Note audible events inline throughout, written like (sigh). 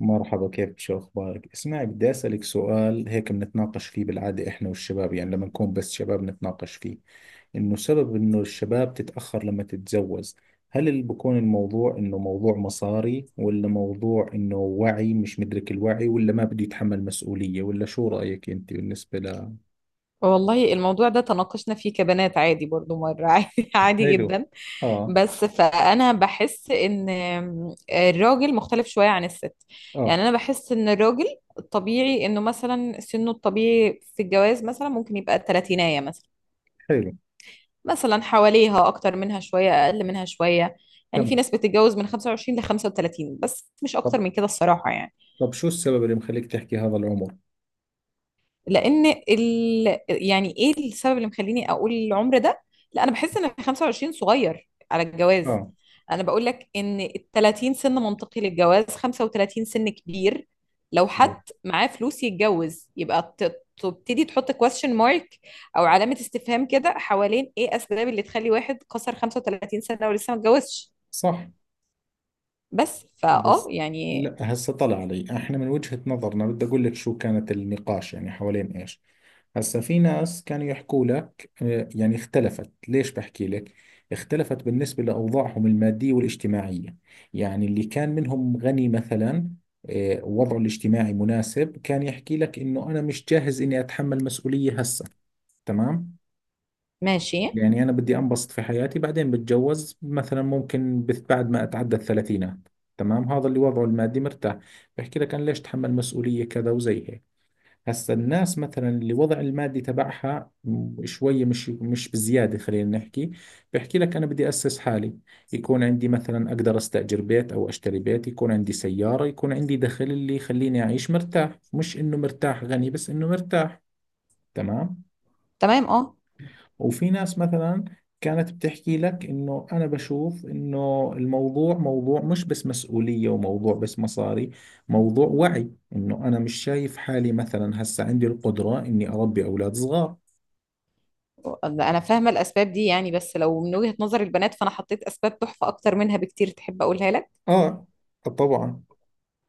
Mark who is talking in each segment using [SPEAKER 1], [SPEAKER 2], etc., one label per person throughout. [SPEAKER 1] مرحبا، كيفك، شو أخبارك؟ اسمعي، بدي أسألك سؤال هيك بنتناقش فيه بالعادة إحنا والشباب، يعني لما نكون بس شباب نتناقش فيه إنه سبب إنه الشباب تتأخر لما تتزوج. هل اللي بكون الموضوع إنه موضوع مصاري، ولا موضوع إنه وعي مش مدرك الوعي، ولا ما بده يتحمل مسؤولية، ولا شو رأيك أنت بالنسبة ل؟
[SPEAKER 2] والله الموضوع ده تناقشنا فيه كبنات، عادي برضو مرة. (laughs) عادي، عادي
[SPEAKER 1] حلو.
[SPEAKER 2] جدا.
[SPEAKER 1] آه.
[SPEAKER 2] بس فأنا بحس إن الراجل مختلف شوية عن الست.
[SPEAKER 1] آه.
[SPEAKER 2] يعني أنا بحس إن الراجل الطبيعي، إنه مثلا سنه الطبيعي في الجواز مثلا ممكن يبقى تلاتيناية مثلا.
[SPEAKER 1] حلو.
[SPEAKER 2] مثلا حواليها، أكتر منها شوية، أقل منها شوية. يعني في
[SPEAKER 1] تمام.
[SPEAKER 2] ناس بتتجوز من 25 ل 35، بس مش
[SPEAKER 1] طب.
[SPEAKER 2] أكتر من كده الصراحة يعني.
[SPEAKER 1] طب شو السبب اللي مخليك تحكي هذا العمر؟
[SPEAKER 2] يعني ايه السبب اللي مخليني اقول العمر ده؟ لا، انا بحس ان 25 صغير على الجواز.
[SPEAKER 1] آه.
[SPEAKER 2] انا بقول لك ان ال 30 سن منطقي للجواز، 35 سن كبير. لو
[SPEAKER 1] آه.
[SPEAKER 2] حد معاه فلوس يتجوز يبقى تبتدي تحط question mark او علامة استفهام كده، حوالين ايه اسباب اللي تخلي واحد كسر 35 سنة ولسه ما اتجوزش.
[SPEAKER 1] صح.
[SPEAKER 2] بس
[SPEAKER 1] بس.
[SPEAKER 2] يعني.
[SPEAKER 1] لا، هسه طلع علي، احنا من وجهة نظرنا بدي اقول لك شو كانت النقاش يعني حوالين ايش. هسه في ناس كانوا يحكوا لك يعني اختلفت، ليش بحكي لك؟ اختلفت بالنسبة لأوضاعهم المادية والاجتماعية. يعني اللي كان منهم غني مثلا، وضعه الاجتماعي مناسب، كان يحكي لك انه انا مش جاهز اني اتحمل مسؤولية هسه. تمام.
[SPEAKER 2] ماشي.
[SPEAKER 1] يعني أنا بدي أنبسط في حياتي بعدين بتجوز، مثلا ممكن بعد ما أتعدى الثلاثينات. تمام، هذا اللي وضعه المادي مرتاح. بحكي لك أنا ليش تحمل مسؤولية كذا وزي هيك. هسا الناس مثلا اللي وضع المادي تبعها شوية مش بزيادة، خلينا نحكي. بحكي لك أنا بدي أسس حالي، يكون عندي مثلا أقدر أستأجر بيت أو أشتري بيت، يكون عندي سيارة، يكون عندي دخل اللي يخليني أعيش مرتاح، مش إنه مرتاح غني، بس إنه مرتاح. تمام.
[SPEAKER 2] تمام، اه.
[SPEAKER 1] وفي ناس مثلا كانت بتحكي لك انه انا بشوف انه الموضوع موضوع مش بس مسؤولية، وموضوع بس مصاري، موضوع وعي، انه انا مش شايف حالي مثلا هسه عندي القدرة اني اربي اولاد صغار.
[SPEAKER 2] انا فاهمه الاسباب دي يعني، بس لو من وجهه نظر البنات، فانا حطيت اسباب تحفه اكتر منها بكتير. تحب اقولها لك؟
[SPEAKER 1] اه، طبعا.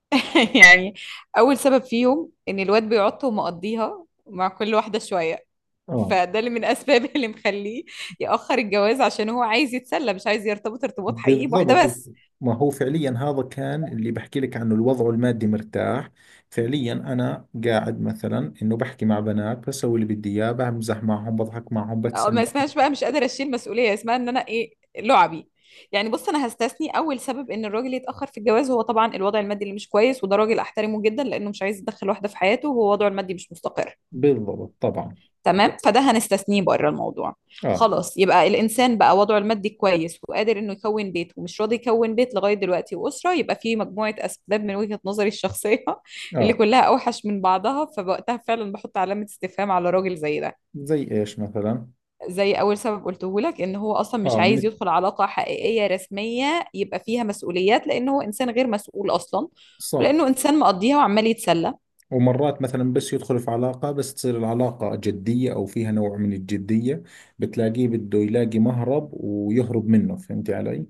[SPEAKER 2] (laughs) يعني، اول سبب فيهم ان الواد بيعط ومقضيها مع كل واحده شويه.
[SPEAKER 1] اه،
[SPEAKER 2] فده اللي من اسباب (laughs) اللي مخليه ياخر الجواز، عشان هو عايز يتسلى، مش عايز يرتبط ارتباط حقيقي بواحده
[SPEAKER 1] بالضبط،
[SPEAKER 2] بس.
[SPEAKER 1] ما هو فعليا هذا كان اللي بحكي لك عنه، الوضع المادي مرتاح. فعليا انا قاعد مثلا انه بحكي مع بنات، بسوي اللي بدي اياه، بمزح معهم، بضحك معهم،
[SPEAKER 2] أو
[SPEAKER 1] بتسلى.
[SPEAKER 2] ما اسمهاش بقى، مش قادره اشيل مسؤوليه، اسمها ان انا ايه، لعبي. يعني بص، انا هستثني اول سبب ان الراجل يتاخر في الجواز، هو طبعا الوضع المادي اللي مش كويس، وده راجل احترمه جدا لانه مش عايز يدخل واحده في حياته وهو وضعه المادي مش مستقر.
[SPEAKER 1] بالضبط، طبعا.
[SPEAKER 2] تمام، فده هنستثنيه بره الموضوع.
[SPEAKER 1] اه.
[SPEAKER 2] خلاص، يبقى الانسان بقى وضعه المادي كويس وقادر انه يكون بيت، ومش راضي يكون بيت لغايه دلوقتي واسره، يبقى في مجموعه اسباب من وجهه نظري الشخصيه (laughs) اللي
[SPEAKER 1] اه،
[SPEAKER 2] كلها اوحش من بعضها. فوقتها فعلا بحط علامه استفهام على راجل زي ده.
[SPEAKER 1] زي ايش مثلا؟
[SPEAKER 2] زي اول سبب قلته لك، ان هو اصلا مش
[SPEAKER 1] اه،
[SPEAKER 2] عايز يدخل علاقه حقيقيه رسميه يبقى فيها مسؤوليات، لان هو انسان غير مسؤول اصلا.
[SPEAKER 1] صح.
[SPEAKER 2] ولانه انسان مقضيها وعمال يتسلى.
[SPEAKER 1] ومرات مثلا بس يدخل في علاقة، بس تصير العلاقة جدية او فيها نوع من الجدية، بتلاقيه بده يلاقي مهرب ويهرب منه، فهمتي علي؟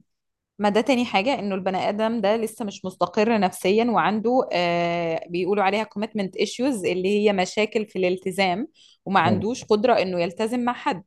[SPEAKER 2] ما ده تاني حاجة، انه البني ادم ده لسه مش مستقر نفسيا، وعنده بيقولوا عليها commitment issues اللي هي مشاكل في الالتزام. وما عندوش قدرة انه يلتزم مع حد.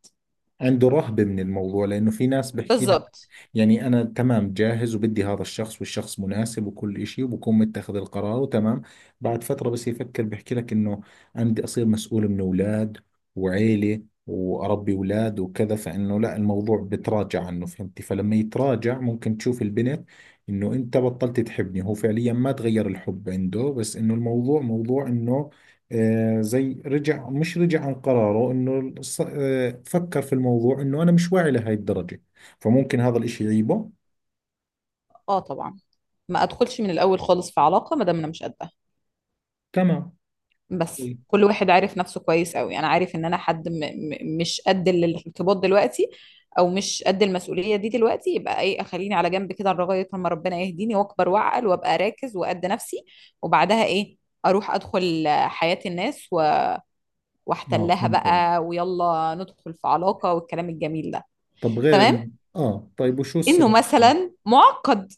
[SPEAKER 1] عنده رهبة من الموضوع، لأنه في ناس بحكي لك،
[SPEAKER 2] بالظبط،
[SPEAKER 1] يعني أنا تمام، جاهز وبدي هذا الشخص، والشخص مناسب وكل إشي، وبكون متخذ القرار وتمام. بعد فترة بس يفكر بحكي لك إنه أنا بدي أصير مسؤول من أولاد وعيلة، وأربي أولاد وكذا، فإنه لا، الموضوع بتراجع عنه، فهمتي؟ فلما يتراجع ممكن تشوف البنت إنه أنت بطلت تحبني، هو فعليا ما تغير الحب عنده، بس إنه الموضوع موضوع إنه، زي رجع مش رجع عن قراره انه فكر في الموضوع انه انا مش واعي لهي الدرجة، فممكن هذا الاشي يعيبه.
[SPEAKER 2] اه طبعا. ما ادخلش من الاول خالص في علاقة ما دام انا مش قد.
[SPEAKER 1] تمام.
[SPEAKER 2] بس
[SPEAKER 1] طيب.
[SPEAKER 2] كل واحد عارف نفسه كويس قوي، انا عارف ان انا حد م م مش قد الارتباط دلوقتي، او مش قد المسؤوليه دي دلوقتي، يبقى ايه، اخليني على جنب كده لغايه لما ربنا يهديني واكبر واعقل وابقى راكز وقد نفسي. وبعدها ايه، اروح ادخل حياه الناس
[SPEAKER 1] اه،
[SPEAKER 2] واحتلها
[SPEAKER 1] فهمت عليك.
[SPEAKER 2] بقى، ويلا ندخل في علاقه والكلام الجميل ده.
[SPEAKER 1] طب غير
[SPEAKER 2] تمام.
[SPEAKER 1] ال... اه، طيب، وشو
[SPEAKER 2] انه
[SPEAKER 1] السبب؟
[SPEAKER 2] مثلا معقد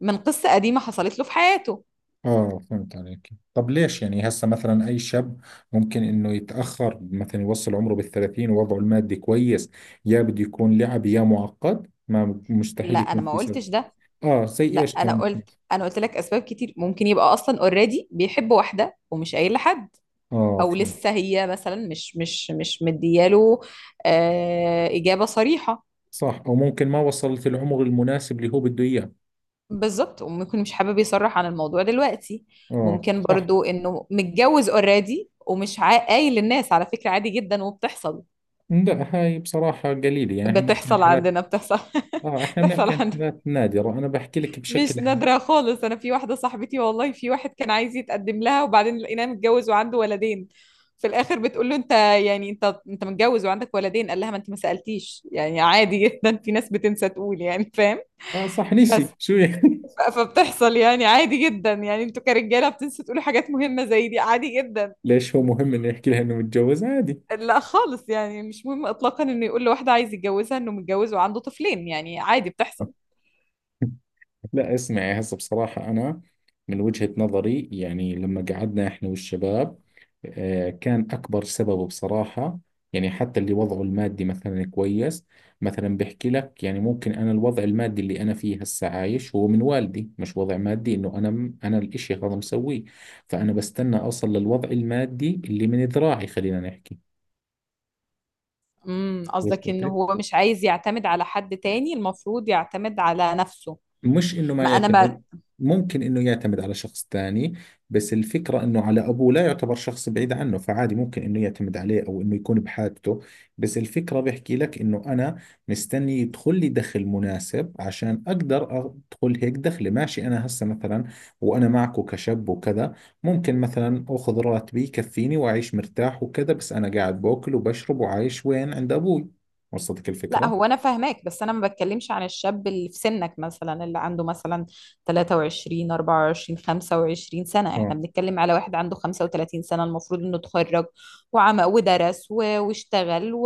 [SPEAKER 2] من قصه قديمه حصلت له في حياته.
[SPEAKER 1] اه، فهمت عليك. طب ليش يعني هسه مثلا اي شاب ممكن انه يتأخر، مثلا يوصل عمره بالثلاثين ووضعه المادي كويس، يا بده يكون لعب يا معقد، ما
[SPEAKER 2] لا،
[SPEAKER 1] مستحيل
[SPEAKER 2] انا
[SPEAKER 1] يكون
[SPEAKER 2] ما
[SPEAKER 1] في سبب.
[SPEAKER 2] قلتش ده.
[SPEAKER 1] اه،
[SPEAKER 2] لا،
[SPEAKER 1] زي ايش
[SPEAKER 2] انا
[SPEAKER 1] كمان؟
[SPEAKER 2] قلت انا قلت لك اسباب كتير. ممكن يبقى اصلا اوريدي بيحب واحده ومش قايل لحد،
[SPEAKER 1] اه،
[SPEAKER 2] او لسه هي مثلا مش مدياله آه اجابه صريحه.
[SPEAKER 1] صح. أو ممكن ما وصلت العمر المناسب اللي هو بده إياه.
[SPEAKER 2] بالظبط، وممكن مش حابب يصرح عن الموضوع دلوقتي.
[SPEAKER 1] آه،
[SPEAKER 2] ممكن
[SPEAKER 1] صح.
[SPEAKER 2] برضو انه متجوز اوريدي ومش قايل للناس، على فكره عادي جدا وبتحصل.
[SPEAKER 1] لا، هاي بصراحة قليلة، يعني احنا بنحكي عن
[SPEAKER 2] بتحصل
[SPEAKER 1] حالات.
[SPEAKER 2] عندنا، بتحصل. (laughs)
[SPEAKER 1] اه، احنا
[SPEAKER 2] بتحصل
[SPEAKER 1] بنحكي عن
[SPEAKER 2] عندنا،
[SPEAKER 1] حالات نادرة، انا بحكي لك بشكل
[SPEAKER 2] مش
[SPEAKER 1] عام.
[SPEAKER 2] نادرة خالص. أنا في واحدة صاحبتي والله، في واحد كان عايز يتقدم لها وبعدين لقيناه متجوز وعنده ولدين. في الآخر بتقول له: أنت يعني، أنت متجوز وعندك ولدين؟ قال لها: ما أنت ما سألتيش، يعني عادي جدا، في ناس بتنسى تقول، يعني فاهم.
[SPEAKER 1] اه، صح،
[SPEAKER 2] بس
[SPEAKER 1] نسي شو يعني. (laughs)
[SPEAKER 2] فبتحصل يعني عادي جدا، يعني أنتوا كرجالة بتنسوا تقولوا حاجات مهمة زي دي، عادي جدا.
[SPEAKER 1] ليش هو مهم انه يحكي لها انه متجوز عادي؟
[SPEAKER 2] لا خالص، يعني مش مهم إطلاقا إنه يقول لواحدة عايز يتجوزها إنه متجوز وعنده طفلين، يعني عادي بتحصل.
[SPEAKER 1] (laughs) لا، اسمعي، هسه بصراحة أنا من وجهة نظري يعني لما قعدنا إحنا والشباب، كان أكبر سببه بصراحة، يعني حتى اللي وضعه المادي مثلا كويس، مثلا بحكي لك يعني ممكن أنا الوضع المادي اللي أنا فيه هسه عايش هو من والدي، مش وضع مادي إنه أنا أنا الإشي هذا مسويه، فأنا بستنى أوصل للوضع المادي اللي من ذراعي، خلينا نحكي.
[SPEAKER 2] قصدك ان
[SPEAKER 1] وصلتك.
[SPEAKER 2] هو مش عايز يعتمد على حد تاني، المفروض يعتمد على نفسه.
[SPEAKER 1] مش انه ما
[SPEAKER 2] ما انا ما
[SPEAKER 1] يعتمد، ممكن انه يعتمد على شخص ثاني، بس الفكرة انه على ابوه، لا يعتبر شخص بعيد عنه، فعادي ممكن انه يعتمد عليه او انه يكون بحاجته. بس الفكرة بحكي لك انه انا مستني يدخل لي دخل مناسب عشان اقدر ادخل هيك دخلي، ماشي؟ انا هسه مثلا، وانا معكو كشاب وكذا، ممكن مثلا اخذ راتبي يكفيني واعيش مرتاح وكذا، بس انا قاعد باكل وبشرب وعايش وين؟ عند ابوي. وصلتك
[SPEAKER 2] لا،
[SPEAKER 1] الفكرة؟
[SPEAKER 2] هو انا فاهماك بس انا ما بتكلمش عن الشاب اللي في سنك مثلا، اللي عنده مثلا 23 24 25 سنة. احنا بنتكلم على واحد عنده 35 سنة، المفروض انه اتخرج وعمل ودرس واشتغل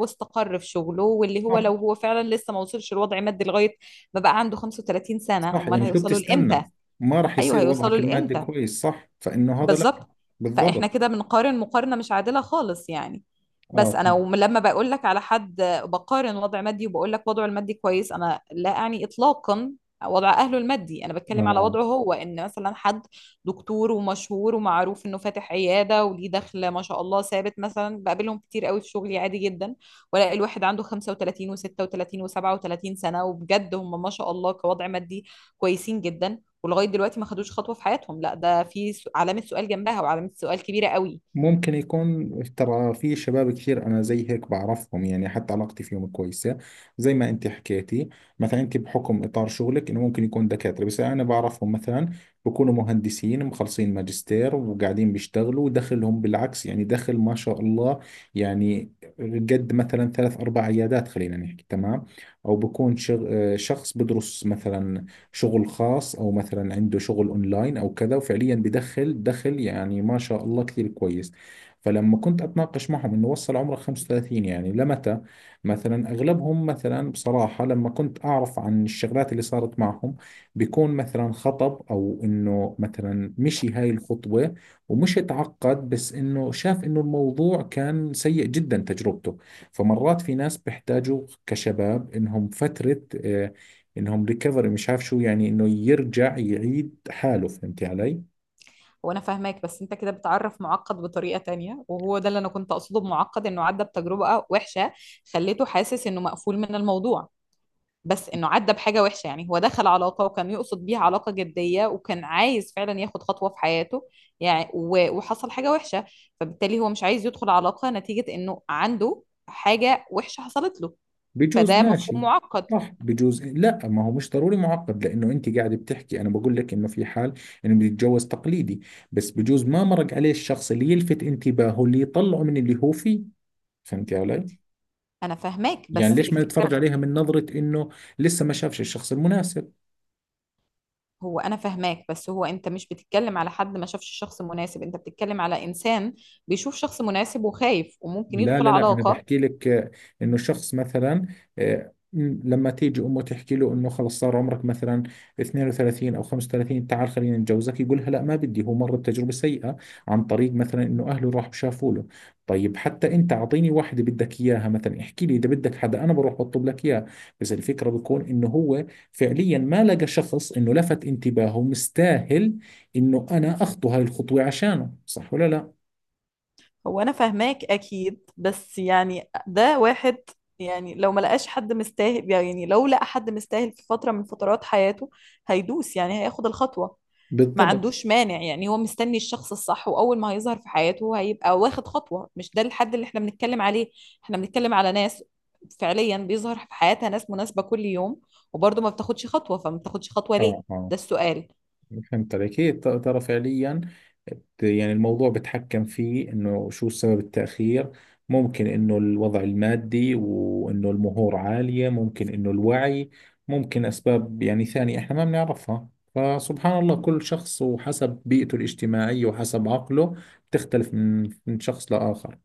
[SPEAKER 2] واستقر في شغله، واللي هو
[SPEAKER 1] اه،
[SPEAKER 2] لو هو فعلا لسه ما وصلش لوضع مادي لغاية ما بقى عنده 35 سنة،
[SPEAKER 1] صح،
[SPEAKER 2] امال
[SPEAKER 1] يعني شو
[SPEAKER 2] هيوصلوا لامتى؟
[SPEAKER 1] بتستنى؟ ما راح
[SPEAKER 2] ايوه،
[SPEAKER 1] يصير وضعك
[SPEAKER 2] هيوصلوا
[SPEAKER 1] المادي
[SPEAKER 2] لامتى.
[SPEAKER 1] كويس، صح، فإنه هذا لا.
[SPEAKER 2] بالظبط. فاحنا
[SPEAKER 1] بالضبط.
[SPEAKER 2] كده بنقارن مقارنة مش عادلة خالص يعني.
[SPEAKER 1] اه،
[SPEAKER 2] بس انا
[SPEAKER 1] فهمت.
[SPEAKER 2] لما بقول لك على حد، بقارن وضع مادي وبقول لك وضعه المادي كويس، انا لا اعني اطلاقا وضع اهله المادي. انا بتكلم على
[SPEAKER 1] اه،
[SPEAKER 2] وضعه هو، ان مثلا حد دكتور ومشهور ومعروف انه فاتح عيادة وليه دخل ما شاء الله ثابت. مثلا بقابلهم كتير قوي في شغلي عادي جدا، والاقي الواحد عنده 35 و36 و37 سنة، وبجد هم ما شاء الله كوضع مادي كويسين جدا. ولغايه دلوقتي ما خدوش خطوه في حياتهم. لا، ده في علامه سؤال جنبها، وعلامه سؤال كبيره قوي.
[SPEAKER 1] ممكن يكون ترى في شباب كثير انا زي هيك بعرفهم، يعني حتى علاقتي فيهم كويسه، زي ما انت حكيتي. مثلا انت بحكم اطار شغلك انه ممكن يكون دكاتره، بس انا بعرفهم مثلا بكونوا مهندسين مخلصين ماجستير وقاعدين بيشتغلوا ودخلهم بالعكس، يعني دخل ما شاء الله، يعني قد مثلا ثلاث اربع عيادات، خلينا نحكي. تمام. او بكون شغ... آه، شخص بدرس مثلا شغل خاص، او مثلا عنده شغل اونلاين او كذا، وفعليا بدخل دخل يعني ما شاء الله كثير كويس. فلما كنت اتناقش معهم انه وصل عمره 35 يعني لمتى، مثلا اغلبهم مثلا بصراحة لما كنت اعرف عن الشغلات اللي صارت معهم، بيكون مثلا خطب او انه مثلا مشي هاي الخطوة ومش اتعقد، بس انه شاف انه الموضوع كان سيء جدا تجربته. فمرات في ناس بيحتاجوا كشباب انهم فترة، انهم ريكفري، مش عارف شو يعني، انه يرجع يعيد حاله، فهمتي علي؟
[SPEAKER 2] وانا فاهماك، بس انت كده بتعرف معقد بطريقه تانية، وهو ده اللي انا كنت اقصده بمعقد، انه عدى بتجربه وحشه خليته حاسس انه مقفول من الموضوع. بس انه عدى بحاجه وحشه، يعني هو دخل علاقه وكان يقصد بيها علاقه جديه وكان عايز فعلا ياخد خطوه في حياته، يعني وحصل حاجه وحشه. فبالتالي هو مش عايز يدخل علاقه نتيجه انه عنده حاجه وحشه حصلت له.
[SPEAKER 1] بجوز،
[SPEAKER 2] فده مفهوم
[SPEAKER 1] ماشي.
[SPEAKER 2] معقد.
[SPEAKER 1] صح، بجوز. لا، ما هو مش ضروري معقد، لانه انت قاعد بتحكي، انا بقول لك انه في حال انه بده يتجوز تقليدي، بس بجوز ما مرق عليه الشخص اللي يلفت انتباهه اللي يطلعه من اللي هو فيه، فهمتي علي؟
[SPEAKER 2] انا فاهماك
[SPEAKER 1] يعني
[SPEAKER 2] بس
[SPEAKER 1] ليش ما نتفرج
[SPEAKER 2] الفكره.
[SPEAKER 1] عليها من نظرة انه لسه ما شافش الشخص المناسب؟
[SPEAKER 2] هو انا فاهماك، بس هو انت مش بتتكلم على حد ما شافش شخص مناسب، انت بتتكلم على انسان بيشوف شخص مناسب وخايف وممكن
[SPEAKER 1] لا،
[SPEAKER 2] يدخل
[SPEAKER 1] لا، لا، انا
[SPEAKER 2] علاقة.
[SPEAKER 1] بحكي لك، انه الشخص مثلا، لما تيجي امه تحكي له انه خلص صار عمرك مثلا 32 او 35 تعال خلينا نتجوزك، يقولها لا ما بدي، هو مر بتجربه سيئه عن طريق مثلا انه اهله راح شافوا له. طيب، حتى انت اعطيني واحده بدك اياها، مثلا احكي لي اذا بدك حدا انا بروح بطلب لك اياه. بس الفكره بكون انه هو فعليا ما لقى شخص انه لفت انتباهه مستاهل انه انا اخطو هاي الخطوه عشانه، صح ولا لا؟
[SPEAKER 2] هو انا فاهماك اكيد، بس يعني ده واحد، يعني لو ما لقاش حد مستاهل، يعني لو لقى حد مستاهل في فترة من فترات حياته، هيدوس يعني هياخد الخطوة. ما
[SPEAKER 1] بالضبط.
[SPEAKER 2] عندوش مانع. يعني هو مستني الشخص الصح، واول ما هيظهر في حياته هو هيبقى واخد خطوة. مش ده الحد اللي احنا بنتكلم عليه. احنا بنتكلم على ناس فعليا بيظهر في حياتها ناس مناسبة كل يوم، وبرضه ما بتاخدش خطوة. فما بتاخدش خطوة
[SPEAKER 1] اه،
[SPEAKER 2] ليه؟
[SPEAKER 1] اه،
[SPEAKER 2] ده السؤال.
[SPEAKER 1] فهمت عليك. هي ترى فعليا، يعني الموضوع بتحكم فيه انه شو سبب التأخير، ممكن انه الوضع المادي وانه المهور عالية، ممكن انه الوعي، ممكن اسباب يعني ثانية احنا ما بنعرفها، فسبحان الله كل شخص وحسب بيئته الاجتماعية وحسب عقله بتختلف من شخص لآخر،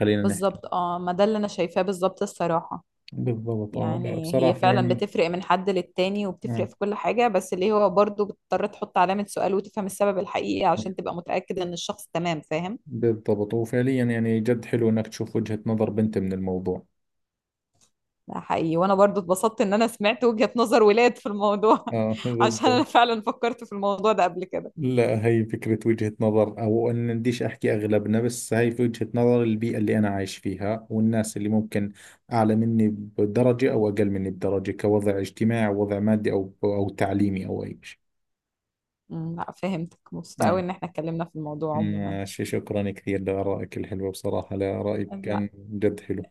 [SPEAKER 1] خلينا نحكي.
[SPEAKER 2] بالظبط اه، ما ده اللي انا شايفاه بالظبط الصراحة.
[SPEAKER 1] بالضبط، اه، لا
[SPEAKER 2] يعني هي
[SPEAKER 1] بصراحة
[SPEAKER 2] فعلا
[SPEAKER 1] يعني.
[SPEAKER 2] بتفرق من حد للتاني
[SPEAKER 1] آه.
[SPEAKER 2] وبتفرق في كل حاجة، بس اللي هو برضه بتضطر تحط علامة سؤال وتفهم السبب الحقيقي عشان تبقى متأكد ان الشخص تمام، فاهم؟
[SPEAKER 1] بالضبط، وفعليا يعني جد حلو انك تشوف وجهة نظر بنت من الموضوع.
[SPEAKER 2] ده حقيقي، وانا برضو اتبسطت ان انا سمعت وجهة نظر ولاد في الموضوع.
[SPEAKER 1] اه،
[SPEAKER 2] (laughs) عشان انا
[SPEAKER 1] بالضبط.
[SPEAKER 2] فعلا فكرت في الموضوع ده قبل كده.
[SPEAKER 1] لا، هي فكرة وجهة نظر أو أن بديش أحكي أغلبنا، بس هي في وجهة نظر البيئة اللي أنا عايش فيها والناس اللي ممكن أعلى مني بدرجة أو أقل مني بدرجة كوضع اجتماعي أو وضع مادي أو تعليمي أو أي شيء.
[SPEAKER 2] لا، فهمتك، مبسوطة قوي
[SPEAKER 1] نعم.
[SPEAKER 2] ان احنا اتكلمنا في الموضوع عموما.
[SPEAKER 1] ماشي، شكرا كثير لآرائك الحلوة بصراحة، لا رأيك
[SPEAKER 2] لا،
[SPEAKER 1] كان جد حلو.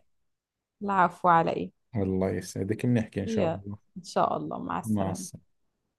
[SPEAKER 2] العفو على ايه.
[SPEAKER 1] الله يسعدك، بنحكي إن شاء
[SPEAKER 2] هي،
[SPEAKER 1] الله.
[SPEAKER 2] ان شاء الله، مع
[SPEAKER 1] مع
[SPEAKER 2] السلامة.
[SPEAKER 1] السلامة.